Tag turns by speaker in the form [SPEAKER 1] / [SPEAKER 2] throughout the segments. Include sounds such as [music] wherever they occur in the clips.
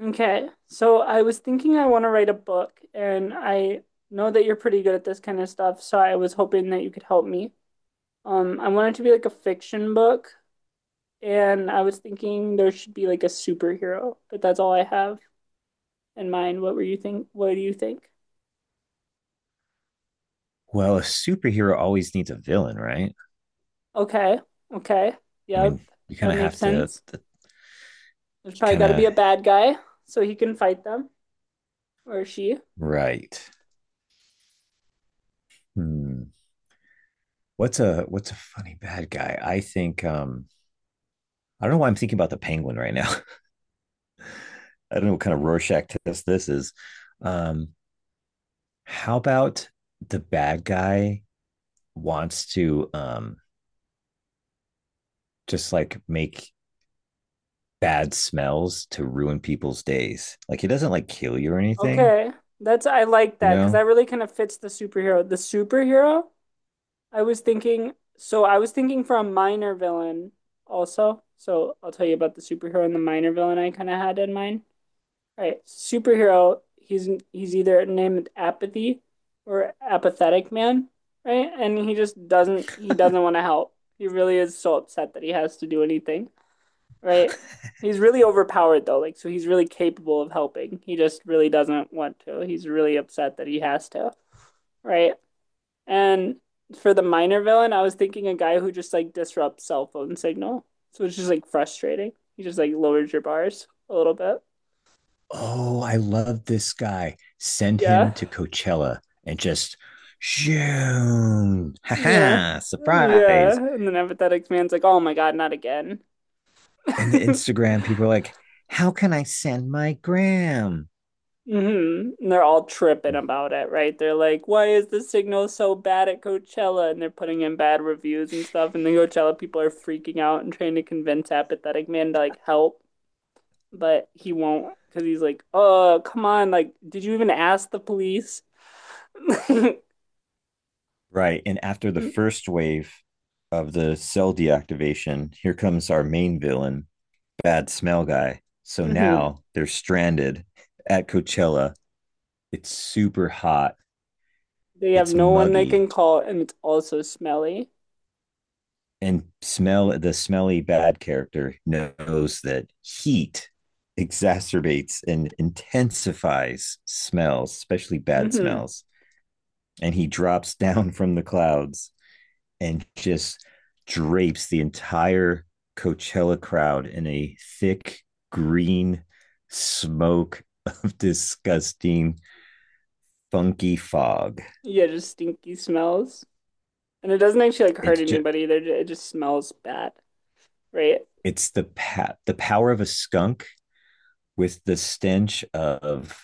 [SPEAKER 1] Okay, so I was thinking I want to write a book, and I know that you're pretty good at this kind of stuff, so I was hoping that you could help me. I want it to be like a fiction book, and I was thinking there should be like a superhero, but that's all I have in mind. What were you think? What do you think?
[SPEAKER 2] Well, a superhero always needs a villain, right?
[SPEAKER 1] Okay, okay,
[SPEAKER 2] I
[SPEAKER 1] yep,
[SPEAKER 2] mean, you kind
[SPEAKER 1] that
[SPEAKER 2] of
[SPEAKER 1] makes
[SPEAKER 2] have to,
[SPEAKER 1] sense.
[SPEAKER 2] you
[SPEAKER 1] There's probably
[SPEAKER 2] kind
[SPEAKER 1] got to be
[SPEAKER 2] of,
[SPEAKER 1] a bad guy so he can fight them or she.
[SPEAKER 2] right. Hmm. What's a funny bad guy? I think I don't know why I'm thinking about the penguin right now. [laughs] I don't know what kind of Rorschach test this is. Um how about the bad guy wants to just like make bad smells to ruin people's days? Like he doesn't like kill you or anything,
[SPEAKER 1] Okay. That's I like
[SPEAKER 2] you
[SPEAKER 1] that because that
[SPEAKER 2] know?
[SPEAKER 1] really kind of fits the superhero. So I was thinking for a minor villain also. So I'll tell you about the superhero and the minor villain I kind of had in mind. All right, superhero, he's either named Apathy or Apathetic Man, right? And he doesn't want to help. He really is so upset that he has to do anything, right? He's really overpowered though, like so he's really capable of helping. He just really doesn't want to. He's really upset that he has to, right? And for the minor villain, I was thinking a guy who just like disrupts cell phone signal. So it's just like frustrating. He just like lowers your bars a little bit.
[SPEAKER 2] Oh, I love this guy. Send
[SPEAKER 1] Yeah.
[SPEAKER 2] him to Coachella and just shoom. Ha
[SPEAKER 1] Yeah.
[SPEAKER 2] ha,
[SPEAKER 1] Yeah.
[SPEAKER 2] surprise.
[SPEAKER 1] And then Empathetic Man's like, oh my God, not again.
[SPEAKER 2] And the
[SPEAKER 1] [laughs]
[SPEAKER 2] Instagram people are like, how can I send my gram?
[SPEAKER 1] Mhm. And they're all tripping about it, right? They're like, why is the signal so bad at Coachella? And they're putting in bad reviews and stuff. And the Coachella people are freaking out and trying to convince Apathetic Man to like help, but he won't because he's like, oh, come on. Like, did you even ask the police? [laughs]
[SPEAKER 2] Right. And after the first wave of the cell deactivation, here comes our main villain, Bad Smell Guy. So
[SPEAKER 1] Hmm.
[SPEAKER 2] now they're stranded at Coachella. It's super hot.
[SPEAKER 1] They have
[SPEAKER 2] It's
[SPEAKER 1] no one they can
[SPEAKER 2] muggy.
[SPEAKER 1] call, and it's also smelly.
[SPEAKER 2] And smell the smelly bad character knows that heat exacerbates and intensifies smells, especially bad
[SPEAKER 1] Hmm.
[SPEAKER 2] smells. And he drops [laughs] down from the clouds and just drapes the entire Coachella crowd in a thick green smoke of [laughs] disgusting funky fog.
[SPEAKER 1] Yeah, just stinky smells. And it doesn't actually like hurt
[SPEAKER 2] It's just
[SPEAKER 1] anybody. They it just smells bad, right?
[SPEAKER 2] it's the the power of a skunk with the stench of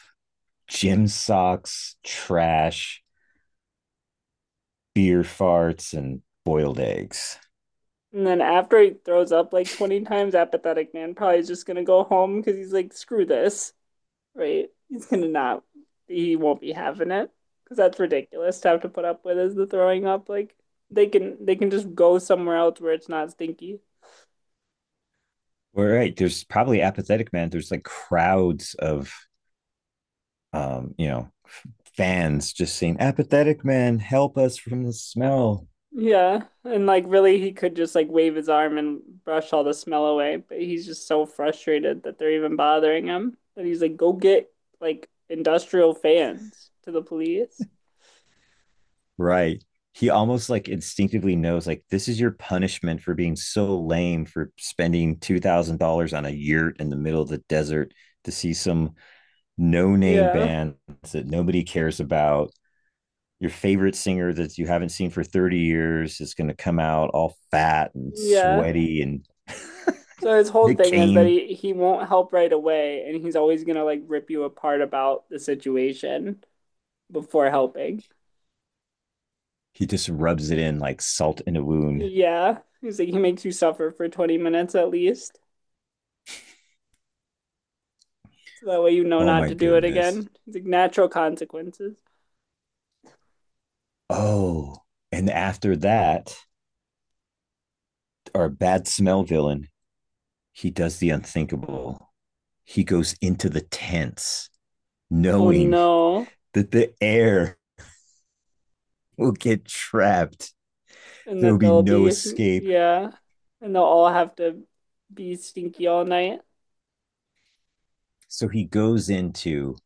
[SPEAKER 2] gym socks, trash, beer farts, and boiled eggs.
[SPEAKER 1] And then after he throws up like 20 times, Apathetic Man probably is just gonna go home because he's like, screw this, right? He's gonna not, he won't be having it because that's ridiculous to have to put up with is the throwing up. Like they can just go somewhere else where it's not stinky.
[SPEAKER 2] We Right. There's probably apathetic man. There's like crowds of um, you know, fans just saying, Apathetic man, help us from the smell.
[SPEAKER 1] Yeah, and like really, he could just like wave his arm and brush all the smell away, but he's just so frustrated that they're even bothering him that he's like, go get like industrial fans to the police.
[SPEAKER 2] Right. He almost like instinctively knows like this is your punishment for being so lame for spending $2,000 on a yurt in the middle of the desert to see some no-name
[SPEAKER 1] Yeah,
[SPEAKER 2] band that nobody cares about, your favorite singer that you haven't seen for 30 years is going to come out all fat and
[SPEAKER 1] yeah.
[SPEAKER 2] sweaty and
[SPEAKER 1] So his whole
[SPEAKER 2] Nick
[SPEAKER 1] thing is that
[SPEAKER 2] Kane,
[SPEAKER 1] he won't help right away, and he's always gonna like rip you apart about the situation before helping.
[SPEAKER 2] he just rubs it in like salt in a wound.
[SPEAKER 1] Yeah, he's like he makes you suffer for 20 minutes at least, so that way you know
[SPEAKER 2] Oh
[SPEAKER 1] not
[SPEAKER 2] my
[SPEAKER 1] to do it
[SPEAKER 2] goodness.
[SPEAKER 1] again. It's like natural consequences.
[SPEAKER 2] Oh, and after that, our bad smell villain, he does the unthinkable. He goes into the tents
[SPEAKER 1] Oh
[SPEAKER 2] knowing
[SPEAKER 1] no,
[SPEAKER 2] that the air will get trapped,
[SPEAKER 1] and
[SPEAKER 2] there will
[SPEAKER 1] that
[SPEAKER 2] be
[SPEAKER 1] they'll
[SPEAKER 2] no
[SPEAKER 1] be,
[SPEAKER 2] escape.
[SPEAKER 1] yeah, and they'll all have to be stinky all night
[SPEAKER 2] So he goes into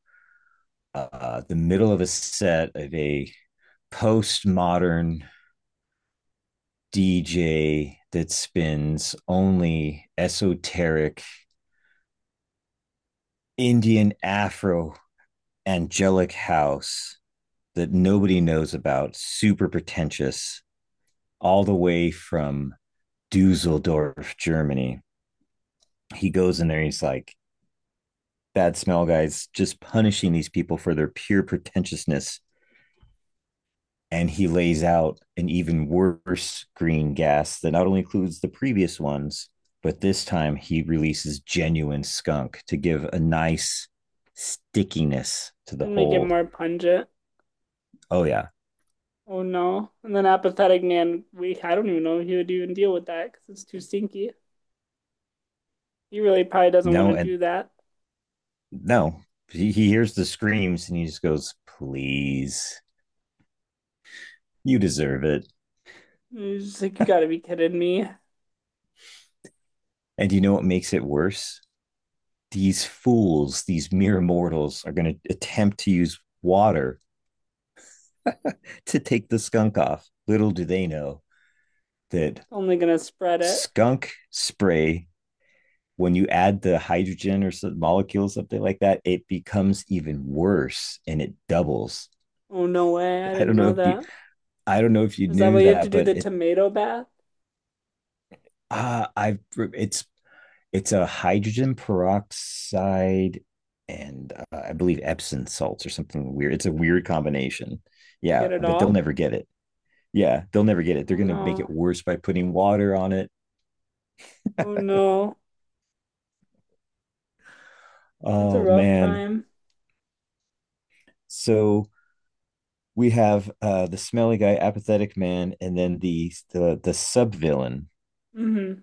[SPEAKER 2] the middle of a set of a postmodern DJ that spins only esoteric Indian Afro angelic house that nobody knows about, super pretentious, all the way from Dusseldorf, Germany. He goes in there, he's like, Bad smell guys just punishing these people for their pure pretentiousness, and he lays out an even worse green gas that not only includes the previous ones, but this time he releases genuine skunk to give a nice stickiness to the
[SPEAKER 1] and make it
[SPEAKER 2] whole.
[SPEAKER 1] more pungent.
[SPEAKER 2] Oh yeah,
[SPEAKER 1] Oh no. And then Apathetic Man, we I don't even know if he would even deal with that because it's too stinky. He really probably doesn't want
[SPEAKER 2] no,
[SPEAKER 1] to
[SPEAKER 2] and
[SPEAKER 1] do that.
[SPEAKER 2] no. He hears the screams and he just goes, "Please, you deserve it."
[SPEAKER 1] He's just like, you gotta be kidding me.
[SPEAKER 2] And you know what makes it worse? These fools, these mere mortals, are going to attempt to use water to take the skunk off. Little do they know that
[SPEAKER 1] Only gonna spread it.
[SPEAKER 2] skunk spray, when you add the hydrogen or some molecule something like that, it becomes even worse and it doubles.
[SPEAKER 1] Oh no way, I
[SPEAKER 2] I
[SPEAKER 1] didn't
[SPEAKER 2] don't know
[SPEAKER 1] know
[SPEAKER 2] if you
[SPEAKER 1] that.
[SPEAKER 2] I don't know if you
[SPEAKER 1] Is that
[SPEAKER 2] knew
[SPEAKER 1] why you have to
[SPEAKER 2] that,
[SPEAKER 1] do
[SPEAKER 2] but
[SPEAKER 1] the
[SPEAKER 2] it
[SPEAKER 1] tomato bath
[SPEAKER 2] ah I've it's it's a hydrogen peroxide and I believe epsom salts or something weird, it's a weird combination.
[SPEAKER 1] to
[SPEAKER 2] yeah
[SPEAKER 1] get it
[SPEAKER 2] but they'll
[SPEAKER 1] off?
[SPEAKER 2] never get it yeah, they'll never get it,
[SPEAKER 1] Oh
[SPEAKER 2] they're going to make it
[SPEAKER 1] no.
[SPEAKER 2] worse by putting water on it.
[SPEAKER 1] Oh
[SPEAKER 2] [laughs]
[SPEAKER 1] no. That's a
[SPEAKER 2] Oh
[SPEAKER 1] rough
[SPEAKER 2] man.
[SPEAKER 1] time.
[SPEAKER 2] So we have the smelly guy, apathetic man, and then the sub villain.
[SPEAKER 1] Hmm.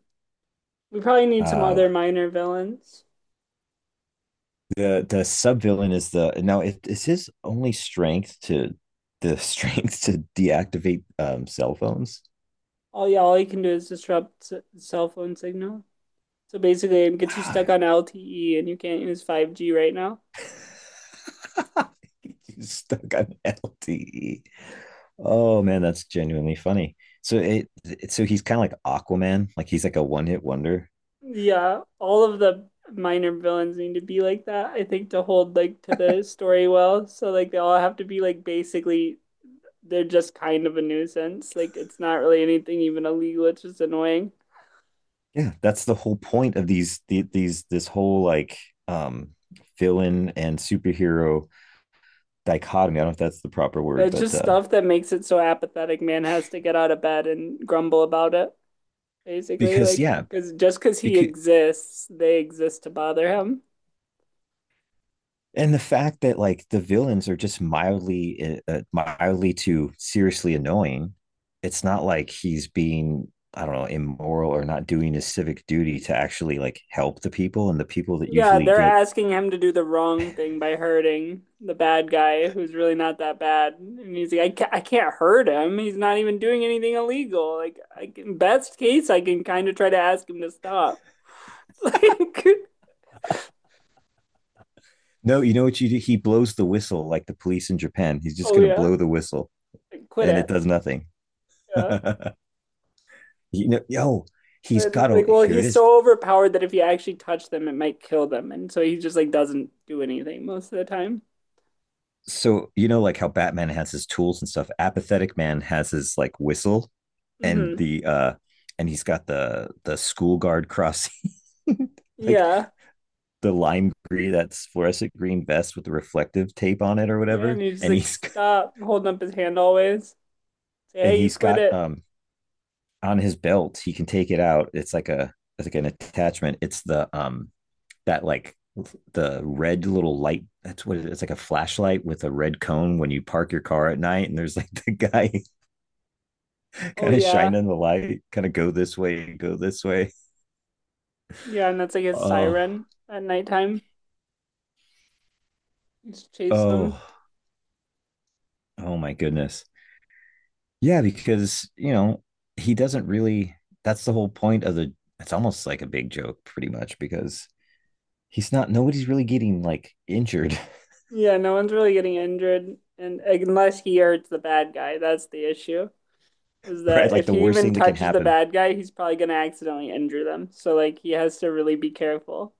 [SPEAKER 1] We probably need some
[SPEAKER 2] Uh,
[SPEAKER 1] other minor villains.
[SPEAKER 2] the sub villain is the now it is his only strength to the [laughs] strength to deactivate cell phones.
[SPEAKER 1] All yeah, all he can do is disrupt s cell phone signal. So basically, it gets you stuck
[SPEAKER 2] Ah,
[SPEAKER 1] on LTE and you can't use 5G right now.
[SPEAKER 2] [laughs] he's stuck on LTE. Oh man, that's genuinely funny. So it so he's kind of like Aquaman, like he's like a one hit wonder.
[SPEAKER 1] Yeah, all of the minor villains need to be like that, I think, to hold like to the story well. So like they all have to be like basically they're just kind of a nuisance. Like it's not really anything even illegal, it's just annoying.
[SPEAKER 2] Yeah, that's the whole point of these the, these this whole like um villain and superhero dichotomy. I don't know if that's the proper word,
[SPEAKER 1] It's
[SPEAKER 2] but
[SPEAKER 1] just stuff that makes it so Apathetic Man has to get out of bed and grumble about it, basically.
[SPEAKER 2] because
[SPEAKER 1] Like
[SPEAKER 2] yeah,
[SPEAKER 1] because just because he
[SPEAKER 2] because
[SPEAKER 1] exists, they exist to bother him.
[SPEAKER 2] and the fact that like the villains are just mildly mildly to seriously annoying. It's not like he's being, I don't know, immoral or not doing his civic duty to actually like help the people and the people that
[SPEAKER 1] Yeah,
[SPEAKER 2] usually
[SPEAKER 1] they're
[SPEAKER 2] get.
[SPEAKER 1] asking him to do the wrong thing by hurting the bad guy who's really not that bad. And he's like, I can't hurt him. He's not even doing anything illegal. Like, I can, best case, I can kind of try to ask him to stop. [laughs] Like,
[SPEAKER 2] No, you know what you do? He blows the whistle like the police in Japan. He's just
[SPEAKER 1] oh
[SPEAKER 2] gonna
[SPEAKER 1] yeah,
[SPEAKER 2] blow the whistle,
[SPEAKER 1] like, quit
[SPEAKER 2] and it
[SPEAKER 1] it.
[SPEAKER 2] does nothing. [laughs] You
[SPEAKER 1] Yeah.
[SPEAKER 2] know, yo, he's got
[SPEAKER 1] And
[SPEAKER 2] to,
[SPEAKER 1] like, well,
[SPEAKER 2] here it
[SPEAKER 1] he's
[SPEAKER 2] is.
[SPEAKER 1] so overpowered that if he actually touched them, it might kill them. And so he just like doesn't do anything most of the time.
[SPEAKER 2] So you know like how batman has his tools and stuff, apathetic man has his like whistle, and
[SPEAKER 1] Hmm.
[SPEAKER 2] the and he's got the school guard crossing, [laughs] like
[SPEAKER 1] Yeah.
[SPEAKER 2] the lime green, that's fluorescent green vest with the reflective tape on it or
[SPEAKER 1] Yeah.
[SPEAKER 2] whatever,
[SPEAKER 1] And he's just
[SPEAKER 2] and
[SPEAKER 1] like,
[SPEAKER 2] he's,
[SPEAKER 1] stop holding up his hand always. Say,
[SPEAKER 2] and
[SPEAKER 1] hey, you
[SPEAKER 2] he's
[SPEAKER 1] quit
[SPEAKER 2] got
[SPEAKER 1] it.
[SPEAKER 2] on his belt, he can take it out, it's like an attachment, it's the that like the red little light, that's what it is. It's like a flashlight with a red cone when you park your car at night and there's like [laughs] the guy
[SPEAKER 1] Oh
[SPEAKER 2] kind of shine
[SPEAKER 1] yeah.
[SPEAKER 2] in the light, kind of go this way, go this way.
[SPEAKER 1] Yeah, and that's like a
[SPEAKER 2] Oh,
[SPEAKER 1] siren at nighttime. It's chasing
[SPEAKER 2] oh,
[SPEAKER 1] them.
[SPEAKER 2] oh my goodness. Yeah, because, you know, he doesn't really, that's the whole point of the, it's almost like a big joke, pretty much, because he's not, nobody's really getting like injured,
[SPEAKER 1] Yeah, no one's really getting injured, and like, unless he hurts the bad guy, that's the issue. Is
[SPEAKER 2] [laughs] right?
[SPEAKER 1] that
[SPEAKER 2] Like
[SPEAKER 1] if
[SPEAKER 2] the
[SPEAKER 1] he
[SPEAKER 2] worst
[SPEAKER 1] even
[SPEAKER 2] thing that can
[SPEAKER 1] touches the
[SPEAKER 2] happen.
[SPEAKER 1] bad guy, he's probably gonna accidentally injure them. So like he has to really be careful.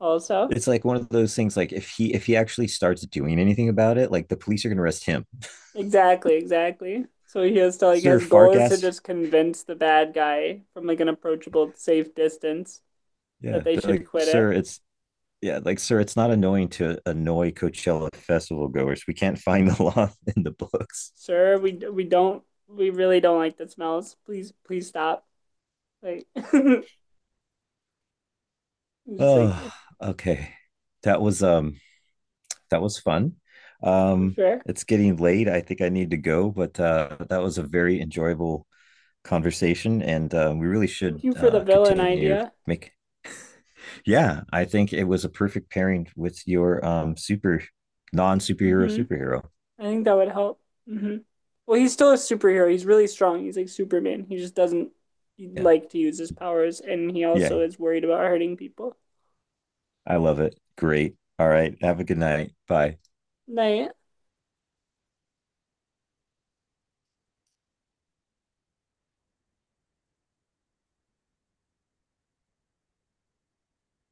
[SPEAKER 1] Also,
[SPEAKER 2] It's like one of those things, like if he actually starts doing anything about it, like the police are going to arrest him.
[SPEAKER 1] exactly, exactly. So he has to like
[SPEAKER 2] Sir
[SPEAKER 1] his goal is to
[SPEAKER 2] Farkas.
[SPEAKER 1] just convince the bad guy from like an approachable, safe distance that
[SPEAKER 2] Yeah.
[SPEAKER 1] they
[SPEAKER 2] They're
[SPEAKER 1] should
[SPEAKER 2] like,
[SPEAKER 1] quit it.
[SPEAKER 2] sir, it's yeah, like sir, it's not annoying to annoy Coachella festival goers. We can't find the [laughs] law in the books.
[SPEAKER 1] Sir, we really don't like the smells. Please, please stop. Like, [laughs] I'm just like,
[SPEAKER 2] Oh, okay. That was um that was fun.
[SPEAKER 1] for
[SPEAKER 2] Um
[SPEAKER 1] sure.
[SPEAKER 2] it's getting late. I think I need to go, but that was a very enjoyable conversation and we really
[SPEAKER 1] Thank
[SPEAKER 2] should
[SPEAKER 1] you for the villain
[SPEAKER 2] continue,
[SPEAKER 1] idea.
[SPEAKER 2] make, yeah, I think it was a perfect pairing with your super non-superhero
[SPEAKER 1] Hmm.
[SPEAKER 2] superhero.
[SPEAKER 1] I think that would help. Hmm. Well, he's still a superhero. He's really strong. He's like Superman. He just doesn't
[SPEAKER 2] Yeah.
[SPEAKER 1] like to use his powers, and he
[SPEAKER 2] Yeah.
[SPEAKER 1] also is worried about hurting people.
[SPEAKER 2] I love it. Great. All right. Have a good night. Bye.
[SPEAKER 1] Like,